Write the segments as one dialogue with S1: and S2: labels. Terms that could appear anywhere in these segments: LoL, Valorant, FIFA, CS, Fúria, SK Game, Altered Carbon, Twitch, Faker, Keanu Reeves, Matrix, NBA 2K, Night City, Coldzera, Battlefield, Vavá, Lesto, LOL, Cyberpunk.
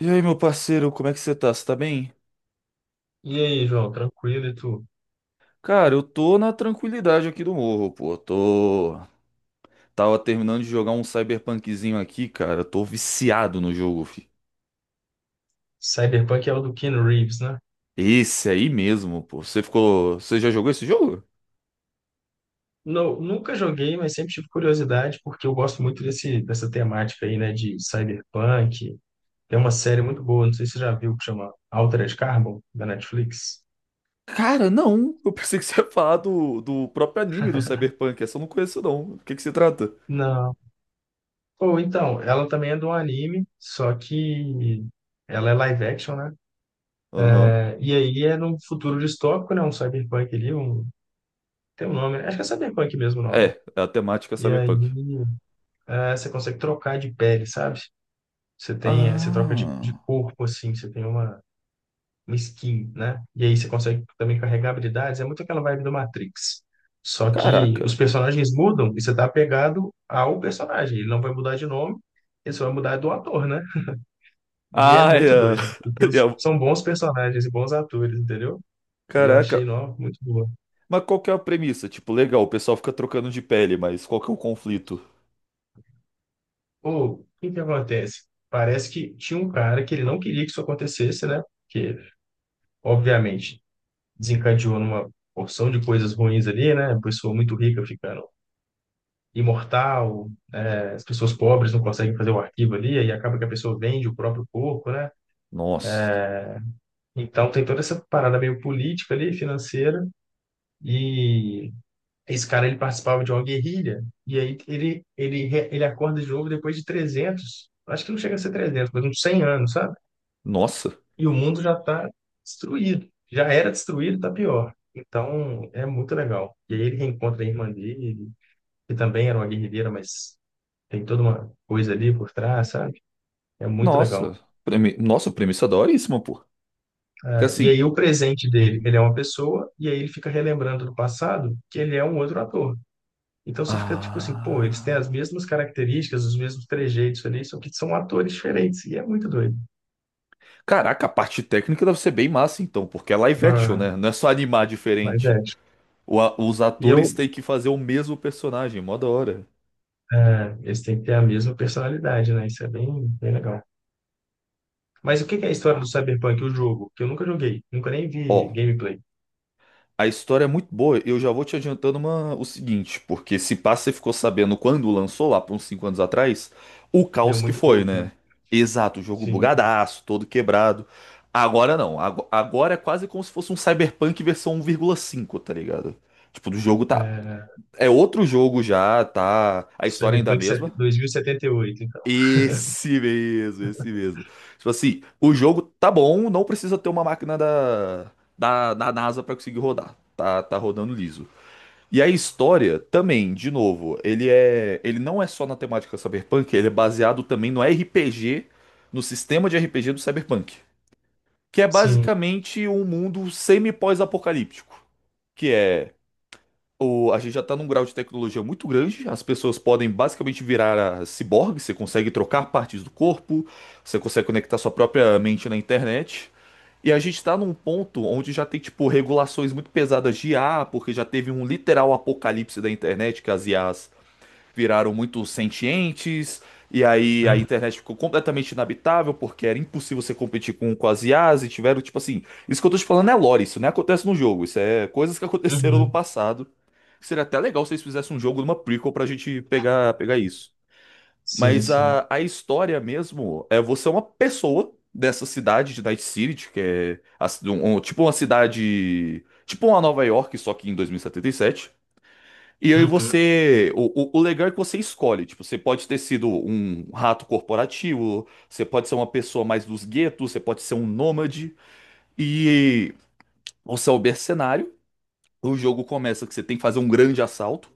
S1: E aí, meu parceiro, como é que você tá? Você tá bem?
S2: E aí, João, tranquilo e tu?
S1: Cara, eu tô na tranquilidade aqui do morro, pô. Tô. Tava terminando de jogar um cyberpunkzinho aqui, cara. Tô viciado no jogo, fi.
S2: Cyberpunk é o do Keanu Reeves, né?
S1: Esse aí mesmo, pô. Você ficou. Você já jogou esse jogo?
S2: Não, nunca joguei, mas sempre tive curiosidade, porque eu gosto muito dessa temática aí, né, de cyberpunk. Tem uma série muito boa, não sei se você já viu, que chama Altered Carbon, da Netflix.
S1: Cara, não. Eu pensei que você ia falar do próprio anime do Cyberpunk. Essa eu não conheço, não. Do que se trata?
S2: Não. Ou então, ela também é de um anime, só que ela é live action, né?
S1: Aham.
S2: É, e aí é num futuro distópico, né? Um cyberpunk ali, tem um nome, né? Acho que é cyberpunk mesmo o nome.
S1: É, a temática é
S2: E aí
S1: Cyberpunk.
S2: é, você consegue trocar de pele, sabe? Você tem, você troca de
S1: Ah.
S2: corpo, assim, você tem uma skin, né? E aí você consegue também carregar habilidades. É muito aquela vibe do Matrix. Só que
S1: Caraca.
S2: os personagens mudam e você tá apegado ao personagem. Ele não vai mudar de nome, ele só vai mudar do ator, né? E é
S1: Ah,
S2: muito
S1: é.
S2: doido, porque
S1: é.
S2: são bons personagens e bons atores, entendeu? E eu
S1: Caraca.
S2: achei, não, muito boa.
S1: Mas qual que é a premissa? Tipo, legal, o pessoal fica trocando de pele, mas qual que é o conflito?
S2: Ou, o que que acontece? Parece que tinha um cara que ele não queria que isso acontecesse, né? Porque, obviamente, desencadeou numa porção de coisas ruins ali, né? A pessoa muito rica ficando imortal, é, as pessoas pobres não conseguem fazer o arquivo ali, aí acaba que a pessoa vende o próprio corpo, né?
S1: Nossa.
S2: Então tem toda essa parada meio política ali, financeira, e esse cara ele participava de uma guerrilha, e aí ele acorda de novo depois de 300, acho que não chega a ser 300, mas uns 100 anos, sabe?
S1: Nossa.
S2: E o mundo já está destruído, já era destruído, tá pior. Então, é muito legal. E aí ele reencontra a irmã dele, que também era uma guerrilheira, mas tem toda uma coisa ali por trás, sabe? É muito
S1: Nossa.
S2: legal.
S1: Nossa, premissa é daoríssima, pô. Que
S2: Ah, e aí
S1: assim.
S2: o presente dele, ele é uma pessoa, e aí ele fica relembrando do passado que ele é um outro ator. Então você fica tipo assim, pô, eles têm as
S1: Ah.
S2: mesmas características, os mesmos trejeitos ali, só que são atores diferentes, e é muito doido.
S1: Caraca, a parte técnica deve ser bem massa, então, porque é live action,
S2: Ah,
S1: né? Não é só animar
S2: mas
S1: diferente.
S2: é, tipo,
S1: Os
S2: E
S1: atores
S2: eu,
S1: têm que fazer o mesmo personagem, mó da hora.
S2: eles têm que ter a mesma personalidade, né? Isso é bem, bem legal. Mas o que que é a história do Cyberpunk, o jogo? Que eu nunca joguei, nunca nem vi
S1: Ó,
S2: gameplay.
S1: a história é muito boa, eu já vou te adiantando o seguinte, porque se pá, você ficou sabendo quando lançou lá, por uns 5 anos atrás, o
S2: Deu
S1: caos que
S2: muito
S1: foi,
S2: bug, né?
S1: né? Exato, o jogo
S2: Sim.
S1: bugadaço, todo quebrado. Agora não, agora é quase como se fosse um Cyberpunk versão 1,5, tá ligado? Tipo, do jogo tá.
S2: É,
S1: É outro jogo já, tá. A história ainda é a
S2: Cyberpunk
S1: mesma.
S2: 2078, então.
S1: Esse mesmo, esse mesmo. Tipo assim, o jogo tá bom, não precisa ter uma máquina da NASA pra conseguir rodar. Tá, tá rodando liso. E a história também, de novo, ele é, ele não é só na temática cyberpunk, ele é baseado também no RPG, no sistema de RPG do cyberpunk, que é
S2: Sim.
S1: basicamente um mundo semi-pós-apocalíptico, que é o, a gente já tá num grau de tecnologia muito grande, as pessoas podem basicamente virar a ciborgue, você consegue trocar partes do corpo, você consegue conectar sua própria mente na internet. E a gente tá num ponto onde já tem, tipo, regulações muito pesadas de IA, porque já teve um literal apocalipse da internet, que as IAs viraram muito sentientes, e aí a
S2: Uhum.
S1: internet ficou completamente inabitável, porque era impossível você competir com as IAs, e tiveram, tipo assim, isso que eu tô te falando é lore, isso não acontece no jogo, isso é coisas que aconteceram no
S2: Uhum.
S1: passado. Seria até legal se eles fizessem um jogo numa prequel pra gente pegar, pegar isso.
S2: Sim,
S1: Mas
S2: sim.
S1: a história mesmo é você é uma pessoa dessa cidade de Night City, que é a tipo uma cidade. Tipo uma Nova York, só que em 2077. E setenta e sete. E aí
S2: Uhum.
S1: você. O legal é que você escolhe. Tipo, você pode ter sido um rato corporativo, você pode ser uma pessoa mais dos guetos, você pode ser um nômade. E você é o mercenário. O jogo começa que você tem que fazer um grande assalto.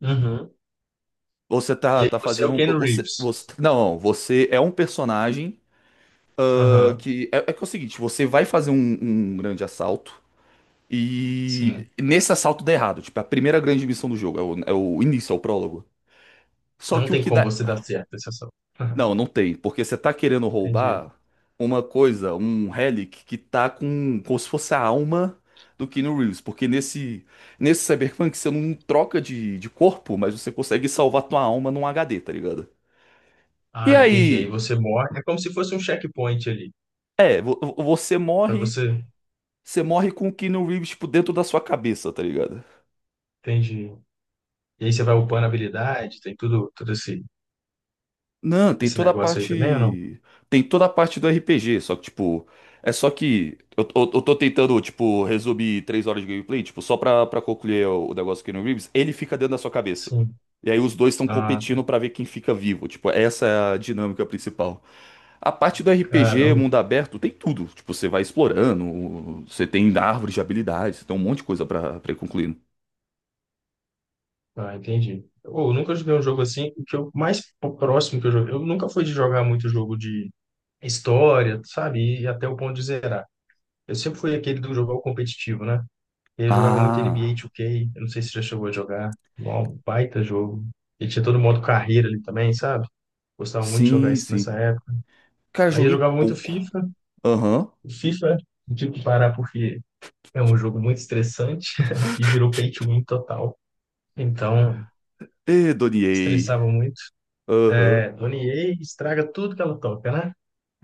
S2: Uhum.
S1: Você
S2: E
S1: tá,
S2: aí
S1: tá
S2: você é
S1: fazendo
S2: o
S1: um.
S2: Keanu
S1: Você,
S2: Reeves.
S1: você, não, você é um personagem.
S2: Aham.
S1: É que é o seguinte, você vai fazer um, um grande assalto e
S2: Sim.
S1: nesse assalto dá errado. Tipo, é a primeira grande missão do jogo, é o início, é o prólogo. Só
S2: Não
S1: que o
S2: tem
S1: que
S2: como
S1: dá...
S2: você dar certo essa ação. Aham.
S1: Não, não tem, porque você tá querendo
S2: Entendi.
S1: roubar uma coisa, um relic que tá com, como se fosse a alma do Keanu Reeves. Porque nesse Cyberpunk você não troca de corpo, mas você consegue salvar tua alma num HD, tá ligado? E
S2: Ah, entendi. Aí
S1: aí...
S2: você morre. É como se fosse um checkpoint ali.
S1: É,
S2: Pra você.
S1: você morre com o Keanu Reeves, tipo, dentro da sua cabeça, tá ligado?
S2: Entendi. E aí você vai upando habilidade, tem tudo, todo esse,
S1: Não, tem
S2: esse
S1: toda a
S2: negócio aí também ou não?
S1: parte. Tem toda a parte do RPG, só que, tipo. É só que. Eu tô tentando, tipo, resumir 3 horas de gameplay, tipo, só pra concluir o negócio do Keanu Reeves, ele fica dentro da sua cabeça.
S2: Sim.
S1: E aí os dois estão
S2: Ah, tá.
S1: competindo pra ver quem fica vivo. Tipo, essa é a dinâmica principal. A parte do RPG,
S2: Caramba.
S1: mundo aberto, tem tudo. Tipo, você vai explorando, você tem árvores de habilidades, tem um monte de coisa pra ir concluindo.
S2: Ah, entendi. Ô, eu nunca joguei um jogo assim. O que eu mais próximo que eu joguei. Eu nunca fui de jogar muito jogo de história, sabe? E até o ponto de zerar. Eu sempre fui aquele do jogar o competitivo, né? E eu jogava muito NBA
S1: Ah,
S2: 2K, eu não sei se já chegou a jogar. Um baita jogo. E tinha todo modo carreira ali também, sabe? Gostava muito de jogar
S1: sim,
S2: isso
S1: sim.
S2: nessa época.
S1: Cara,
S2: Aí eu
S1: joguei
S2: jogava muito
S1: pouco.
S2: FIFA.
S1: Aham.
S2: O FIFA, eu tive que parar porque é um jogo muito estressante e virou pay to win total. Então,
S1: E Doniei.
S2: estressava muito.
S1: Aham.
S2: É, Dona EA estraga tudo que ela toca, né?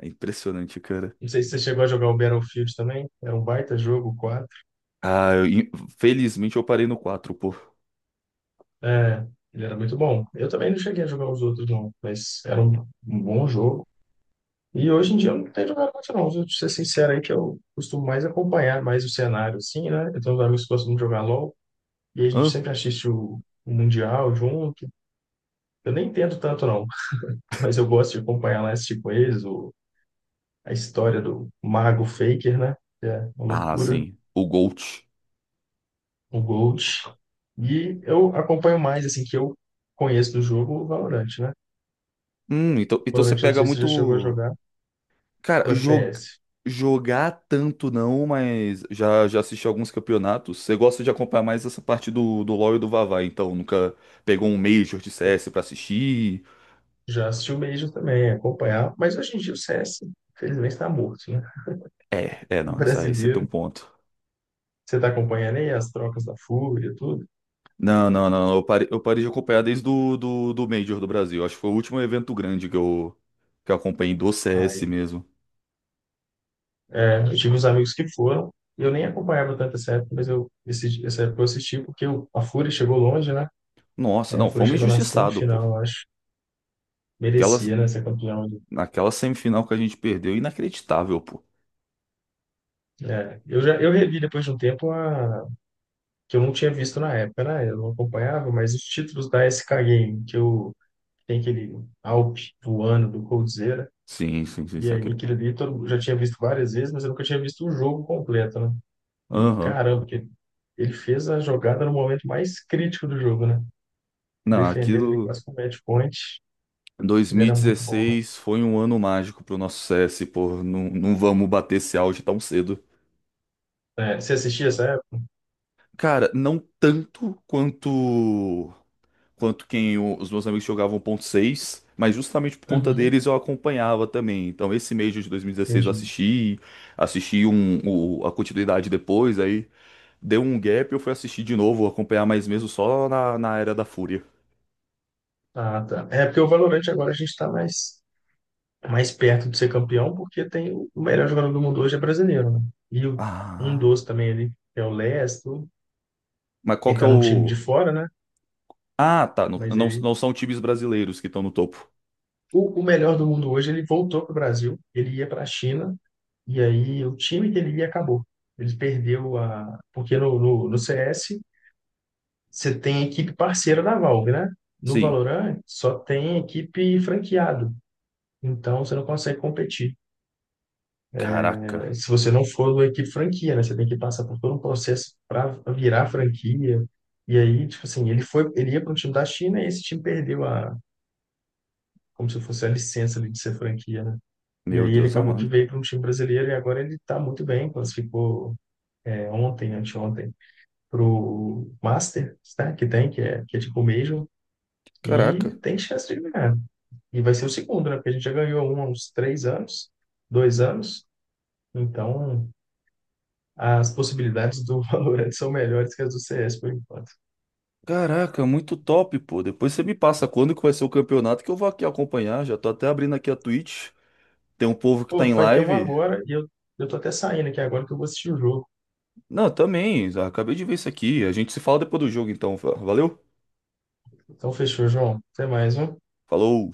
S1: É impressionante, cara.
S2: Não sei se você chegou a jogar o Battlefield também. Era um baita jogo.
S1: Ah, felizmente eu parei no 4, pô.
S2: É, ele era muito bom. Eu também não cheguei a jogar os outros, não, mas era um bom jogo. E hoje em dia eu não tenho jogado muito, não. Se eu te ser sincero aí, que eu costumo mais acompanhar mais o cenário, assim, né? Eu tenho uns amigos que gostam de jogar LOL, e a gente
S1: Hã?
S2: sempre assiste o Mundial junto. Eu nem entendo tanto, não, mas eu gosto de acompanhar lá, assistir com eles, a história do Mago Faker, né? Que é uma
S1: Ah,
S2: loucura,
S1: sim. O GOAT.
S2: o GOAT. E eu acompanho mais, assim, que eu conheço do jogo o Valorant, né?
S1: Então, então você
S2: Valorant, eu não
S1: pega
S2: sei se você já chegou a
S1: muito.
S2: jogar.
S1: Cara,
S2: O FPS.
S1: jogar tanto não, mas já assisti alguns campeonatos. Você gosta de acompanhar mais essa parte do LoL e do Vavá, então nunca pegou um Major de CS pra assistir?
S2: Já assisti o Major também, acompanhar, mas hoje em dia o CS, infelizmente, está morto, né?
S1: É, é,
S2: O
S1: não, isso aí você tem um
S2: brasileiro,
S1: ponto.
S2: você está acompanhando aí as trocas da Fúria e tudo?
S1: Não, não, não. Eu parei de acompanhar desde do Major do Brasil. Acho que foi o último evento grande que eu acompanhei do CS
S2: Aí,
S1: mesmo.
S2: é, eu tive uns amigos que foram, e eu nem acompanhava tanto essa época, mas essa época eu assisti porque a Fúria chegou longe, né?
S1: Nossa,
S2: É, a
S1: não,
S2: Fúria
S1: fomos
S2: chegou na
S1: injustiçados, pô.
S2: semifinal, eu acho.
S1: Aquela
S2: Merecia, né, ser campeão.
S1: Naquela semifinal que a gente perdeu, inacreditável, pô.
S2: É, eu já eu revi depois de um tempo que eu não tinha visto na época, né? Eu não acompanhava, mas os títulos da SK Game, que eu tem aquele Alpe voando do Coldzera,
S1: Sim, sim, sim,
S2: e
S1: sim.
S2: aí
S1: Aquele...
S2: aquilo ali todo, eu já tinha visto várias vezes, mas eu nunca tinha visto o jogo completo, né? E
S1: Aham.
S2: caramba, que ele fez a jogada no momento mais crítico do jogo, né?
S1: Não,
S2: Defendendo ele
S1: aquilo.
S2: quase com o match point, ele era muito bom,
S1: 2016 foi um ano mágico pro nosso CS, pô. Não, não vamos bater esse auge tão cedo.
S2: né? É, você assistia essa época?
S1: Cara, não tanto quanto quem os meus amigos jogavam 1.6, mas justamente por conta
S2: Uhum.
S1: deles eu acompanhava também. Então esse mês de 2016 eu
S2: Entendi.
S1: assisti, assisti um, a continuidade depois, aí deu um gap, eu fui assistir de novo, acompanhar mais mesmo só na Era da Fúria.
S2: Ah, tá. É porque o Valorant agora a gente está mais perto de ser campeão, porque tem o melhor jogador do mundo hoje é brasileiro, né? E um
S1: Ah,
S2: dos também ali, que é o Lesto,
S1: mas qual
S2: ele
S1: que é
S2: tá num time de
S1: o...
S2: fora, né?
S1: Ah, tá, não,
S2: Mas
S1: não,
S2: ele
S1: não são times brasileiros que estão no topo.
S2: o melhor do mundo hoje, ele voltou para o Brasil, ele ia para a China, e aí o time que ele ia acabou. Ele perdeu a. Porque no CS, você tem equipe parceira da Valve, né? No
S1: Sim.
S2: Valorant, só tem equipe franqueado. Então, você não consegue competir.
S1: Caraca,
S2: Se você não for da equipe franquia, né? Você tem que passar por todo um processo para virar franquia. E aí, tipo assim, ele ia para um time da China e esse time perdeu a, como se fosse a licença ali de ser franquia, né? E
S1: meu
S2: aí ele
S1: Deus
S2: acabou que
S1: amado.
S2: veio para um time brasileiro e agora ele está muito bem, classificou ontem, anteontem, para o Masters, né, que é tipo o Major, e
S1: Caraca.
S2: tem chance de ganhar. E vai ser o segundo, né, porque a gente já ganhou um há uns 3 anos, 2 anos, então as possibilidades do Valorant são melhores que as do CS por enquanto.
S1: Caraca, muito top, pô. Depois você me passa quando que vai ser o campeonato que eu vou aqui acompanhar. Já tô até abrindo aqui a Twitch. Tem um povo que tá
S2: Pô,
S1: em
S2: vai ter um
S1: live.
S2: agora e eu tô até saindo aqui agora que eu vou assistir o jogo.
S1: Não, também. Acabei de ver isso aqui. A gente se fala depois do jogo, então. Valeu?
S2: Então fechou, João. Até mais, viu?
S1: Falou!